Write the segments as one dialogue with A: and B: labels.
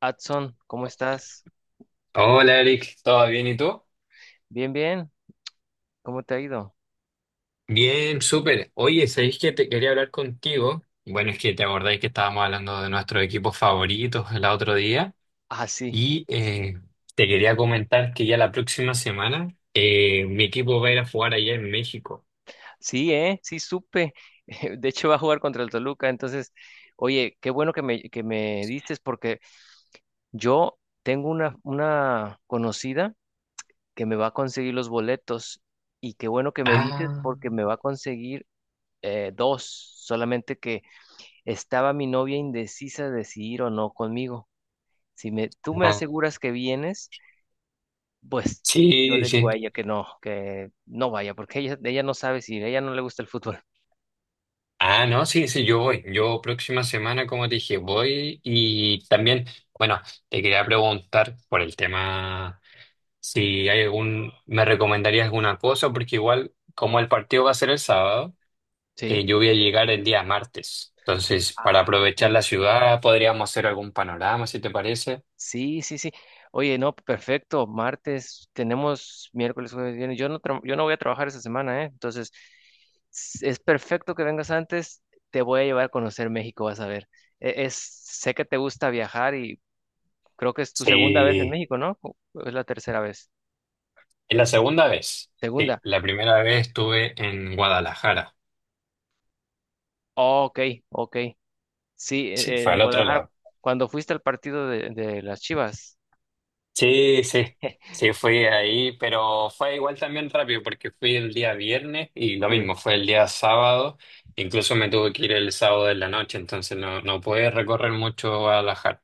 A: Adson, ¿cómo estás?
B: Hola Eric, ¿todo bien y tú?
A: Bien, bien. ¿Cómo te ha ido?
B: Bien, súper. Oye, ¿sabéis que te quería hablar contigo? Bueno, es que te acordáis que estábamos hablando de nuestros equipos favoritos el otro día
A: Ah, sí.
B: y te quería comentar que ya la próxima semana mi equipo va a ir a jugar allá en México.
A: Sí, ¿eh? Sí, supe. De hecho, va a jugar contra el Toluca. Entonces, oye, qué bueno que que me dices porque yo tengo una conocida que me va a conseguir los boletos y qué bueno que me dices
B: Ah,
A: porque me va a conseguir dos. Solamente que estaba mi novia indecisa de si ir o no conmigo. Si me, tú me
B: ah,
A: aseguras que vienes. Pues yo
B: sí,
A: le digo
B: sí.
A: a ella que no vaya, porque ella no sabe si a ella no le gusta el fútbol.
B: Ah, no, sí, sí, yo voy. Yo próxima semana, como te dije, voy y también, bueno, te quería preguntar por el tema. Si hay me recomendarías alguna cosa, porque igual, como el partido va a ser el sábado,
A: Sí.
B: yo voy a llegar el día martes. Entonces, para
A: Ah,
B: aprovechar la
A: perfecto.
B: ciudad, podríamos hacer algún panorama, si te parece.
A: Sí, sí, sí. Oye, no, perfecto. Martes tenemos miércoles, jueves, viernes. Yo no voy a trabajar esta semana, ¿eh? Entonces, es perfecto que vengas antes. Te voy a llevar a conocer México, vas a ver. Es, sé que te gusta viajar y creo que es tu segunda vez en
B: Sí,
A: México, ¿no? ¿O es la tercera vez?
B: es la segunda vez. Sí,
A: Segunda.
B: la primera vez estuve en Guadalajara.
A: Oh, ok, ok. Sí,
B: Sí, fue
A: el
B: al otro
A: Guadalajara,
B: lado.
A: cuando fuiste al partido de las Chivas.
B: Sí, sí, sí, fui ahí, pero fue igual también rápido porque fui el día viernes y lo
A: Sí,
B: mismo, fue el día sábado, incluso me tuve que ir el sábado en la noche, entonces no, no pude recorrer mucho Guadalajara.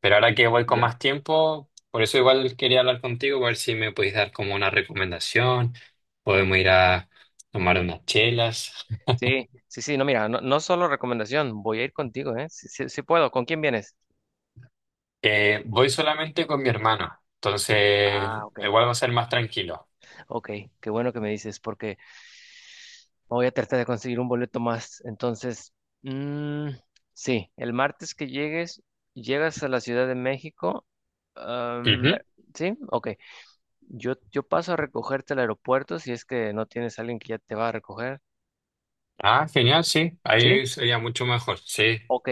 B: Pero ahora que voy con
A: ya.
B: más tiempo, por eso igual quería hablar contigo, a ver si me podéis dar como una recomendación, podemos ir a tomar unas chelas.
A: Sí, sí, sí, no, mira, no, no solo recomendación, voy a ir contigo, ¿eh? Sí, sí, sí puedo, ¿con quién vienes?
B: Voy solamente con mi hermano, entonces
A: Ah, ok,
B: igual va a ser más tranquilo.
A: ok, qué bueno que me dices, porque voy a tratar de conseguir un boleto más. Entonces, mm, sí, el martes que llegues, llegas a la Ciudad de México. am, ver- sí, ok. Yo paso a recogerte al aeropuerto si es que no tienes a alguien que ya te va a recoger.
B: Ah, genial, sí,
A: ¿Sí?
B: ahí sería mucho mejor, sí.
A: Ok.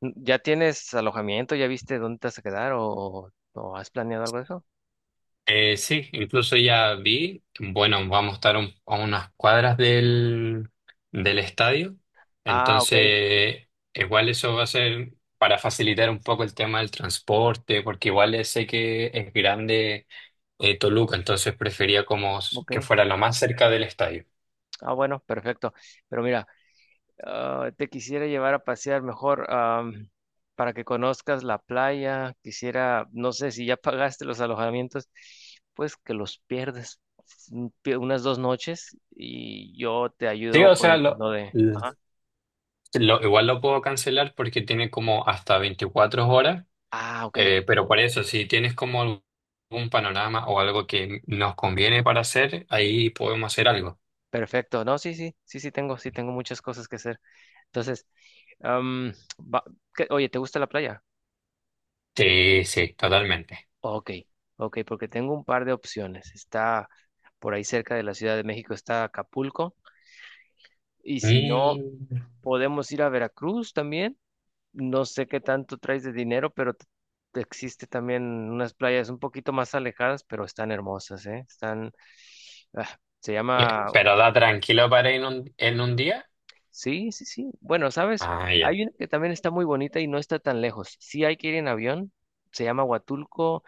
A: ¿Ya tienes alojamiento? ¿Ya viste dónde te vas a quedar? O has planeado algo de eso?
B: Sí, incluso ya vi, bueno, vamos a estar a unas cuadras del estadio,
A: Ah, ok,
B: entonces igual eso va a ser para facilitar un poco el tema del transporte, porque igual sé que es grande Toluca, entonces prefería como
A: ok.
B: que fuera lo más cerca del estadio.
A: Ah, bueno, perfecto. Pero mira, ah, te quisiera llevar a pasear mejor para que conozcas la playa. Quisiera, no sé si ya pagaste los alojamientos, pues que los pierdes unas dos noches y yo te
B: Sí,
A: ayudo
B: o sea,
A: con lo de... Ajá.
B: igual lo puedo cancelar porque tiene como hasta 24 horas.
A: Ah, ok,
B: Pero por eso, si tienes como algún panorama o algo que nos conviene para hacer, ahí podemos hacer algo.
A: perfecto. No, sí, sí, sí, sí tengo muchas cosas que hacer. Entonces... Am, va- Oye, ¿te gusta la playa?
B: Sí, sí, totalmente.
A: Ok, ok, porque tengo un par de opciones. Está por ahí cerca de la Ciudad de México, está Acapulco. Y si no,
B: Mm.
A: podemos ir a Veracruz también. No sé qué tanto traes de dinero, pero existe también unas playas un poquito más alejadas, pero están hermosas, ¿eh? Están, ah, se
B: Eh,
A: llama,
B: Pero da tranquilo para ir en un día.
A: sí, sí, sí. Bueno, ¿sabes?
B: Ah, ya.
A: Hay una que también está muy bonita y no está tan lejos. Sí hay que ir en avión. Se llama Huatulco.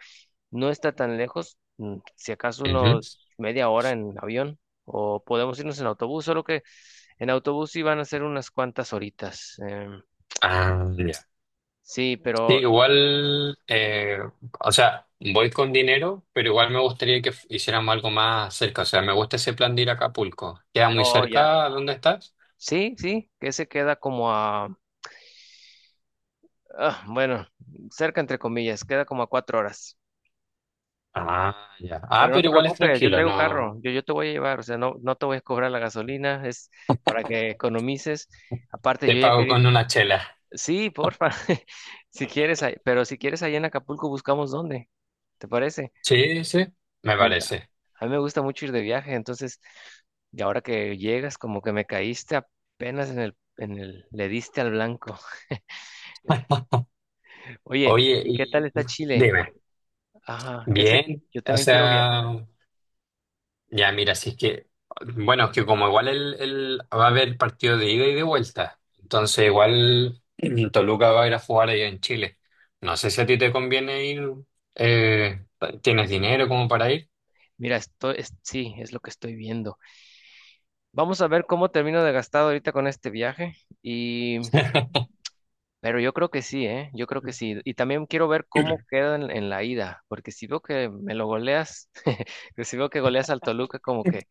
A: No está tan lejos, si acaso unos
B: Ujú.
A: media hora en avión, o podemos irnos en autobús, solo que en autobús sí van a ser unas cuantas horitas.
B: Ah, ya.
A: Sí,
B: Sí,
A: pero...
B: igual, o sea, voy con dinero, pero igual me gustaría que hiciéramos algo más cerca. O sea, me gusta ese plan de ir a Acapulco. ¿Queda muy
A: Oh, ya.
B: cerca? ¿Dónde estás?
A: Sí, sí, que se queda como a... ah, bueno, cerca entre comillas, queda como a cuatro horas.
B: Ah, ya. Ah,
A: Pero no
B: pero
A: te
B: igual es
A: preocupes, yo
B: tranquilo,
A: traigo
B: no.
A: carro, yo te voy a llevar, o sea, no, no te voy a cobrar la gasolina, es para que economices. Aparte,
B: Te
A: yo ya
B: pago
A: quería...
B: con una chela.
A: Sí, porfa. Si quieres, pero si quieres allá en Acapulco buscamos dónde. ¿Te parece?
B: Sí, sí, me
A: Me enca-
B: parece.
A: A mí me gusta mucho ir de viaje, entonces, y ahora que llegas, como que me caíste apenas en el, le diste al blanco. Oye,
B: Oye,
A: ¿y qué tal
B: y
A: está Chile?
B: dime,
A: Ajá, es que
B: bien,
A: yo
B: o
A: también quiero viajar.
B: sea, ya mira, si es que, bueno, es que como igual va a haber partido de ida y de vuelta, entonces igual Toluca va a ir a jugar allá en Chile. No sé si a ti te conviene ir, eh, ¿tienes dinero como para ir?
A: Mira, esto es, sí, es lo que estoy viendo. Vamos a ver cómo termino de gastado ahorita con este viaje y, pero yo creo que sí, ¿eh? Yo creo que sí. Y también quiero ver cómo queda en la ida, porque si veo que me lo goleas, que si veo que goleas al Toluca, como que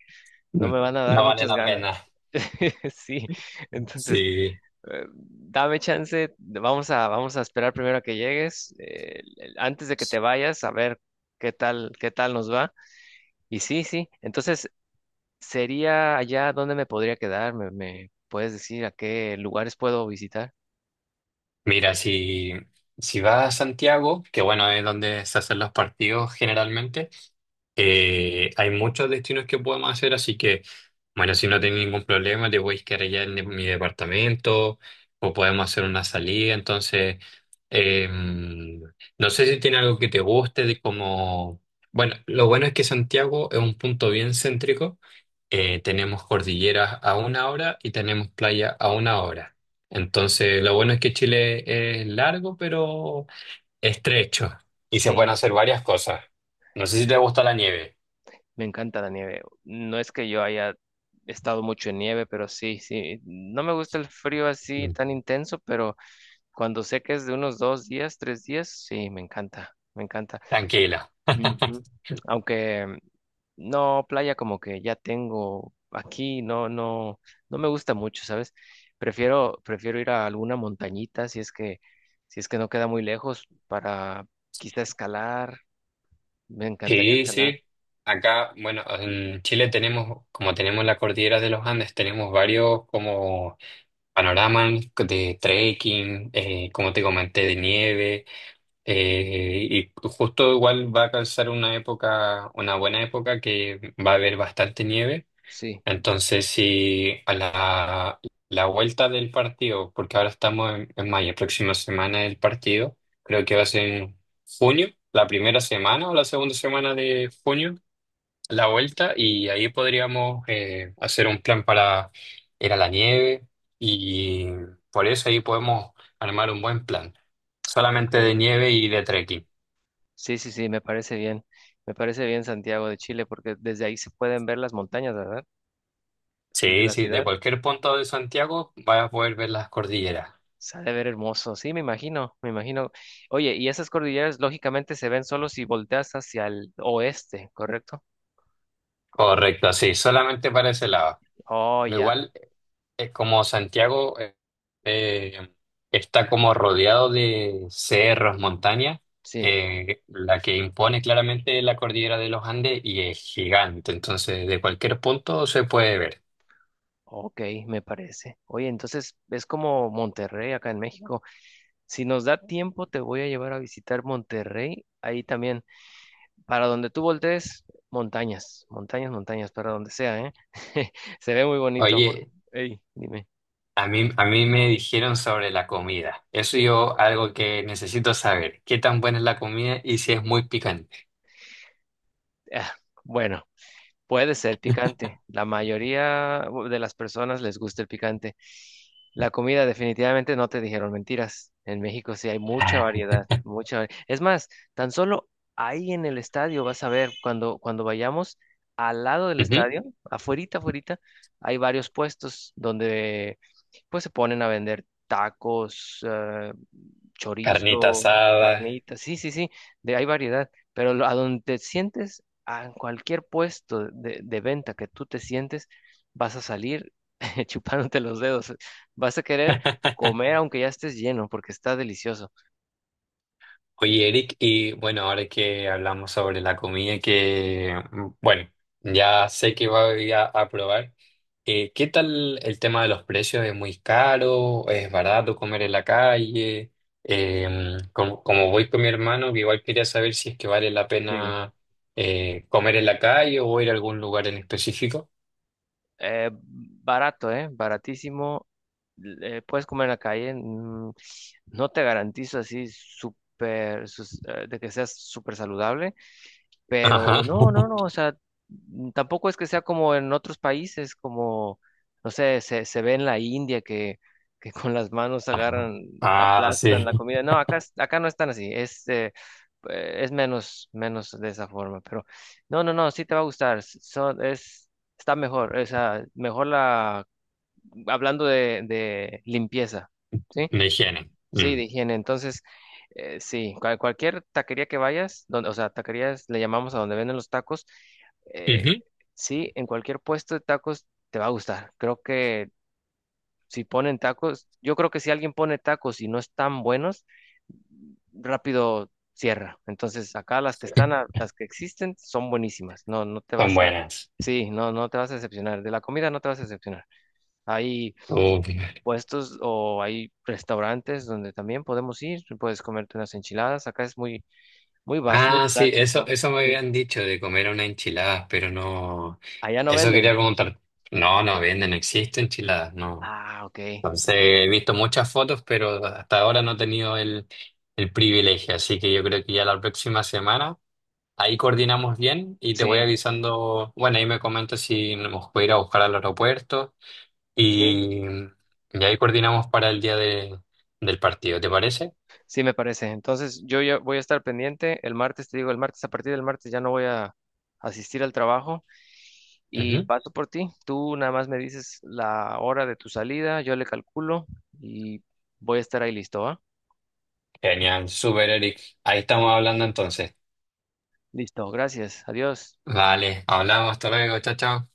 A: no me van a dar
B: No vale
A: muchas
B: la
A: ganas.
B: pena.
A: Sí, entonces,
B: Sí,
A: dame chance, vamos a esperar primero a que llegues, antes de que te vayas, a ver qué tal nos va. Y sí, sí, entonces sería allá donde me podría quedar, me puedes decir a qué lugares puedo visitar.
B: mira, si vas a Santiago, que bueno, es donde se hacen los partidos generalmente. Hay muchos destinos que podemos hacer, así que, bueno, si no tienen ningún problema, te voy quedar allá en mi departamento o podemos hacer una salida. Entonces, no sé si tiene algo que te guste, de como... Bueno, lo bueno es que Santiago es un punto bien céntrico. Tenemos cordilleras a una hora y tenemos playa a una hora. Entonces, lo bueno es que Chile es largo, pero estrecho y se pueden
A: Sí,
B: hacer varias cosas. No sé si te gusta la nieve.
A: me encanta la nieve. No es que yo haya estado mucho en nieve, pero sí, sí, no me gusta el frío así
B: Mm.
A: tan intenso, pero... Cuando sé que es de unos dos días, tres días, sí, me encanta, me encanta.
B: Tranquila.
A: Ujú. Aunque no, playa como que ya tengo aquí, no, no, no me gusta mucho, ¿sabes? Prefiero ir a alguna montañita si es que, si es que no queda muy lejos para quizá escalar. Me encantaría
B: Sí,
A: escalar,
B: sí. Acá, bueno, en Chile tenemos, como tenemos la cordillera de los Andes, tenemos varios como panoramas de trekking, como te comenté, de nieve, y justo igual va a calzar una época, una buena época que va a haber bastante nieve.
A: sí.
B: Entonces, si a la vuelta del partido, porque ahora estamos en mayo, próxima semana el partido, creo que va a ser en junio, la primera semana o la segunda semana de junio, la vuelta, y ahí podríamos hacer un plan para ir a la nieve, y por eso ahí podemos armar un buen plan,
A: Ok.
B: solamente de nieve y de trekking.
A: Sí, sí, sí, me parece bien. Me parece bien Santiago de Chile porque desde ahí se pueden ver las montañas, ¿verdad? Desde
B: Sí,
A: la
B: sí, de
A: ciudad.
B: cualquier punto de Santiago vas a poder ver las cordilleras.
A: Se ha de ver hermoso, sí, me imagino, me imagino. Oye, y esas cordilleras lógicamente se ven solo si volteas hacia el oeste, ¿correcto?
B: Correcto, sí, solamente para ese lado.
A: Oh,
B: Pero
A: ya,
B: igual, como Santiago eh, está como rodeado de cerros, montañas,
A: sí,
B: la que impone claramente es la cordillera de los Andes y es gigante, entonces de cualquier punto se puede ver.
A: ok, me parece. Oye, entonces es como Monterrey acá en México. Si nos da tiempo, te voy a llevar a visitar Monterrey, ahí también, para donde tú voltees, montañas, montañas, montañas, para donde sea, ¿eh? Se ve muy bonito, porque,
B: Oye,
A: dime.
B: a mí me dijeron sobre la comida, eso yo algo que necesito saber, ¿qué tan buena es la comida y si es muy picante?
A: Ah, bueno. Puede ser picante. La mayoría de las personas les gusta el picante. La comida definitivamente no te dijeron mentiras. En México sí hay mucha variedad, mucha. Es más, tan solo ahí en el estadio vas a ver cuando vayamos al lado del
B: Ujú.
A: estadio, afuerita, afuerita, hay varios puestos donde pues se ponen a vender tacos,
B: Carnita
A: chorizo,
B: asada.
A: carnitas. Sí, sí, sí, de hay variedad, pero a donde te sientes en cualquier puesto de venta que tú te sientes, vas a salir chupándote los dedos. Vas a querer comer aunque ya estés lleno porque está delicioso.
B: Oye, Eric, y bueno, ahora que hablamos sobre la comida que, bueno, ya sé que voy a probar, ¿qué tal el tema de los precios? ¿Es muy caro? ¿Es barato comer en la calle? Como voy con mi hermano, que igual quería saber si es que vale la
A: Sí.
B: pena comer en la calle o ir a algún lugar en específico.
A: Barato, ¿eh? Baratísimo. Puedes comer en la calle. No te garantizo así súper de que seas súper saludable. Pero
B: Ajá.
A: no, no, no, o sea, tampoco es que sea como en otros países, como, no sé, se ve en la India que con las manos agarran,
B: Ah,
A: aplastan
B: sí.
A: la comida. No, acá, acá no están así, es menos, menos de esa forma, pero no, no, no, sí te va a gustar, es, está mejor, o sea, mejor la, hablando de limpieza, ¿sí?
B: La higiene.
A: Sí,
B: Mm.
A: de higiene. Entonces, sí, cualquier taquería que vayas, donde, o sea, taquerías le llamamos a donde venden los tacos, eh,
B: Ujú.
A: sí, en cualquier puesto de tacos te va a gustar. Creo que si ponen tacos, yo creo que si alguien pone tacos y no están buenos, rápido cierra. Entonces, acá las que están, las que existen, son buenísimas. No, no te
B: Son
A: vas a,
B: buenas.
A: sí, no, no te vas a decepcionar. De la comida no te vas a decepcionar. Hay
B: Uf.
A: puestos o hay restaurantes donde también podemos ir, puedes comerte unas enchiladas, acá es muy, muy básico, muy
B: Ah, sí, eso,
A: clásico,
B: eso me
A: sí.
B: habían dicho de comer una enchilada, pero no,
A: Allá no
B: eso quería
A: venden.
B: preguntar. No, no venden, no existe enchiladas, no.
A: Ah, ok.
B: Entonces, he visto muchas fotos, pero hasta ahora no he tenido el privilegio, así que yo creo que ya la próxima semana ahí coordinamos bien y te voy
A: Sí,
B: avisando, bueno, ahí me comentas si nos puede ir a buscar al aeropuerto
A: sí,
B: y, y ahí coordinamos para el día del partido, ¿te parece?
A: sí me parece. Entonces yo ya voy a estar pendiente. El martes, te digo, el martes, a partir del martes ya no voy a asistir al trabajo y
B: Ujú.
A: paso por ti. Tú nada más me dices la hora de tu salida, yo le calculo y voy a estar ahí listo, ¿va?
B: Genial, super Eric. Ahí estamos hablando entonces.
A: Listo, gracias. Adiós.
B: Vale, hablamos, hasta luego, chao, chao.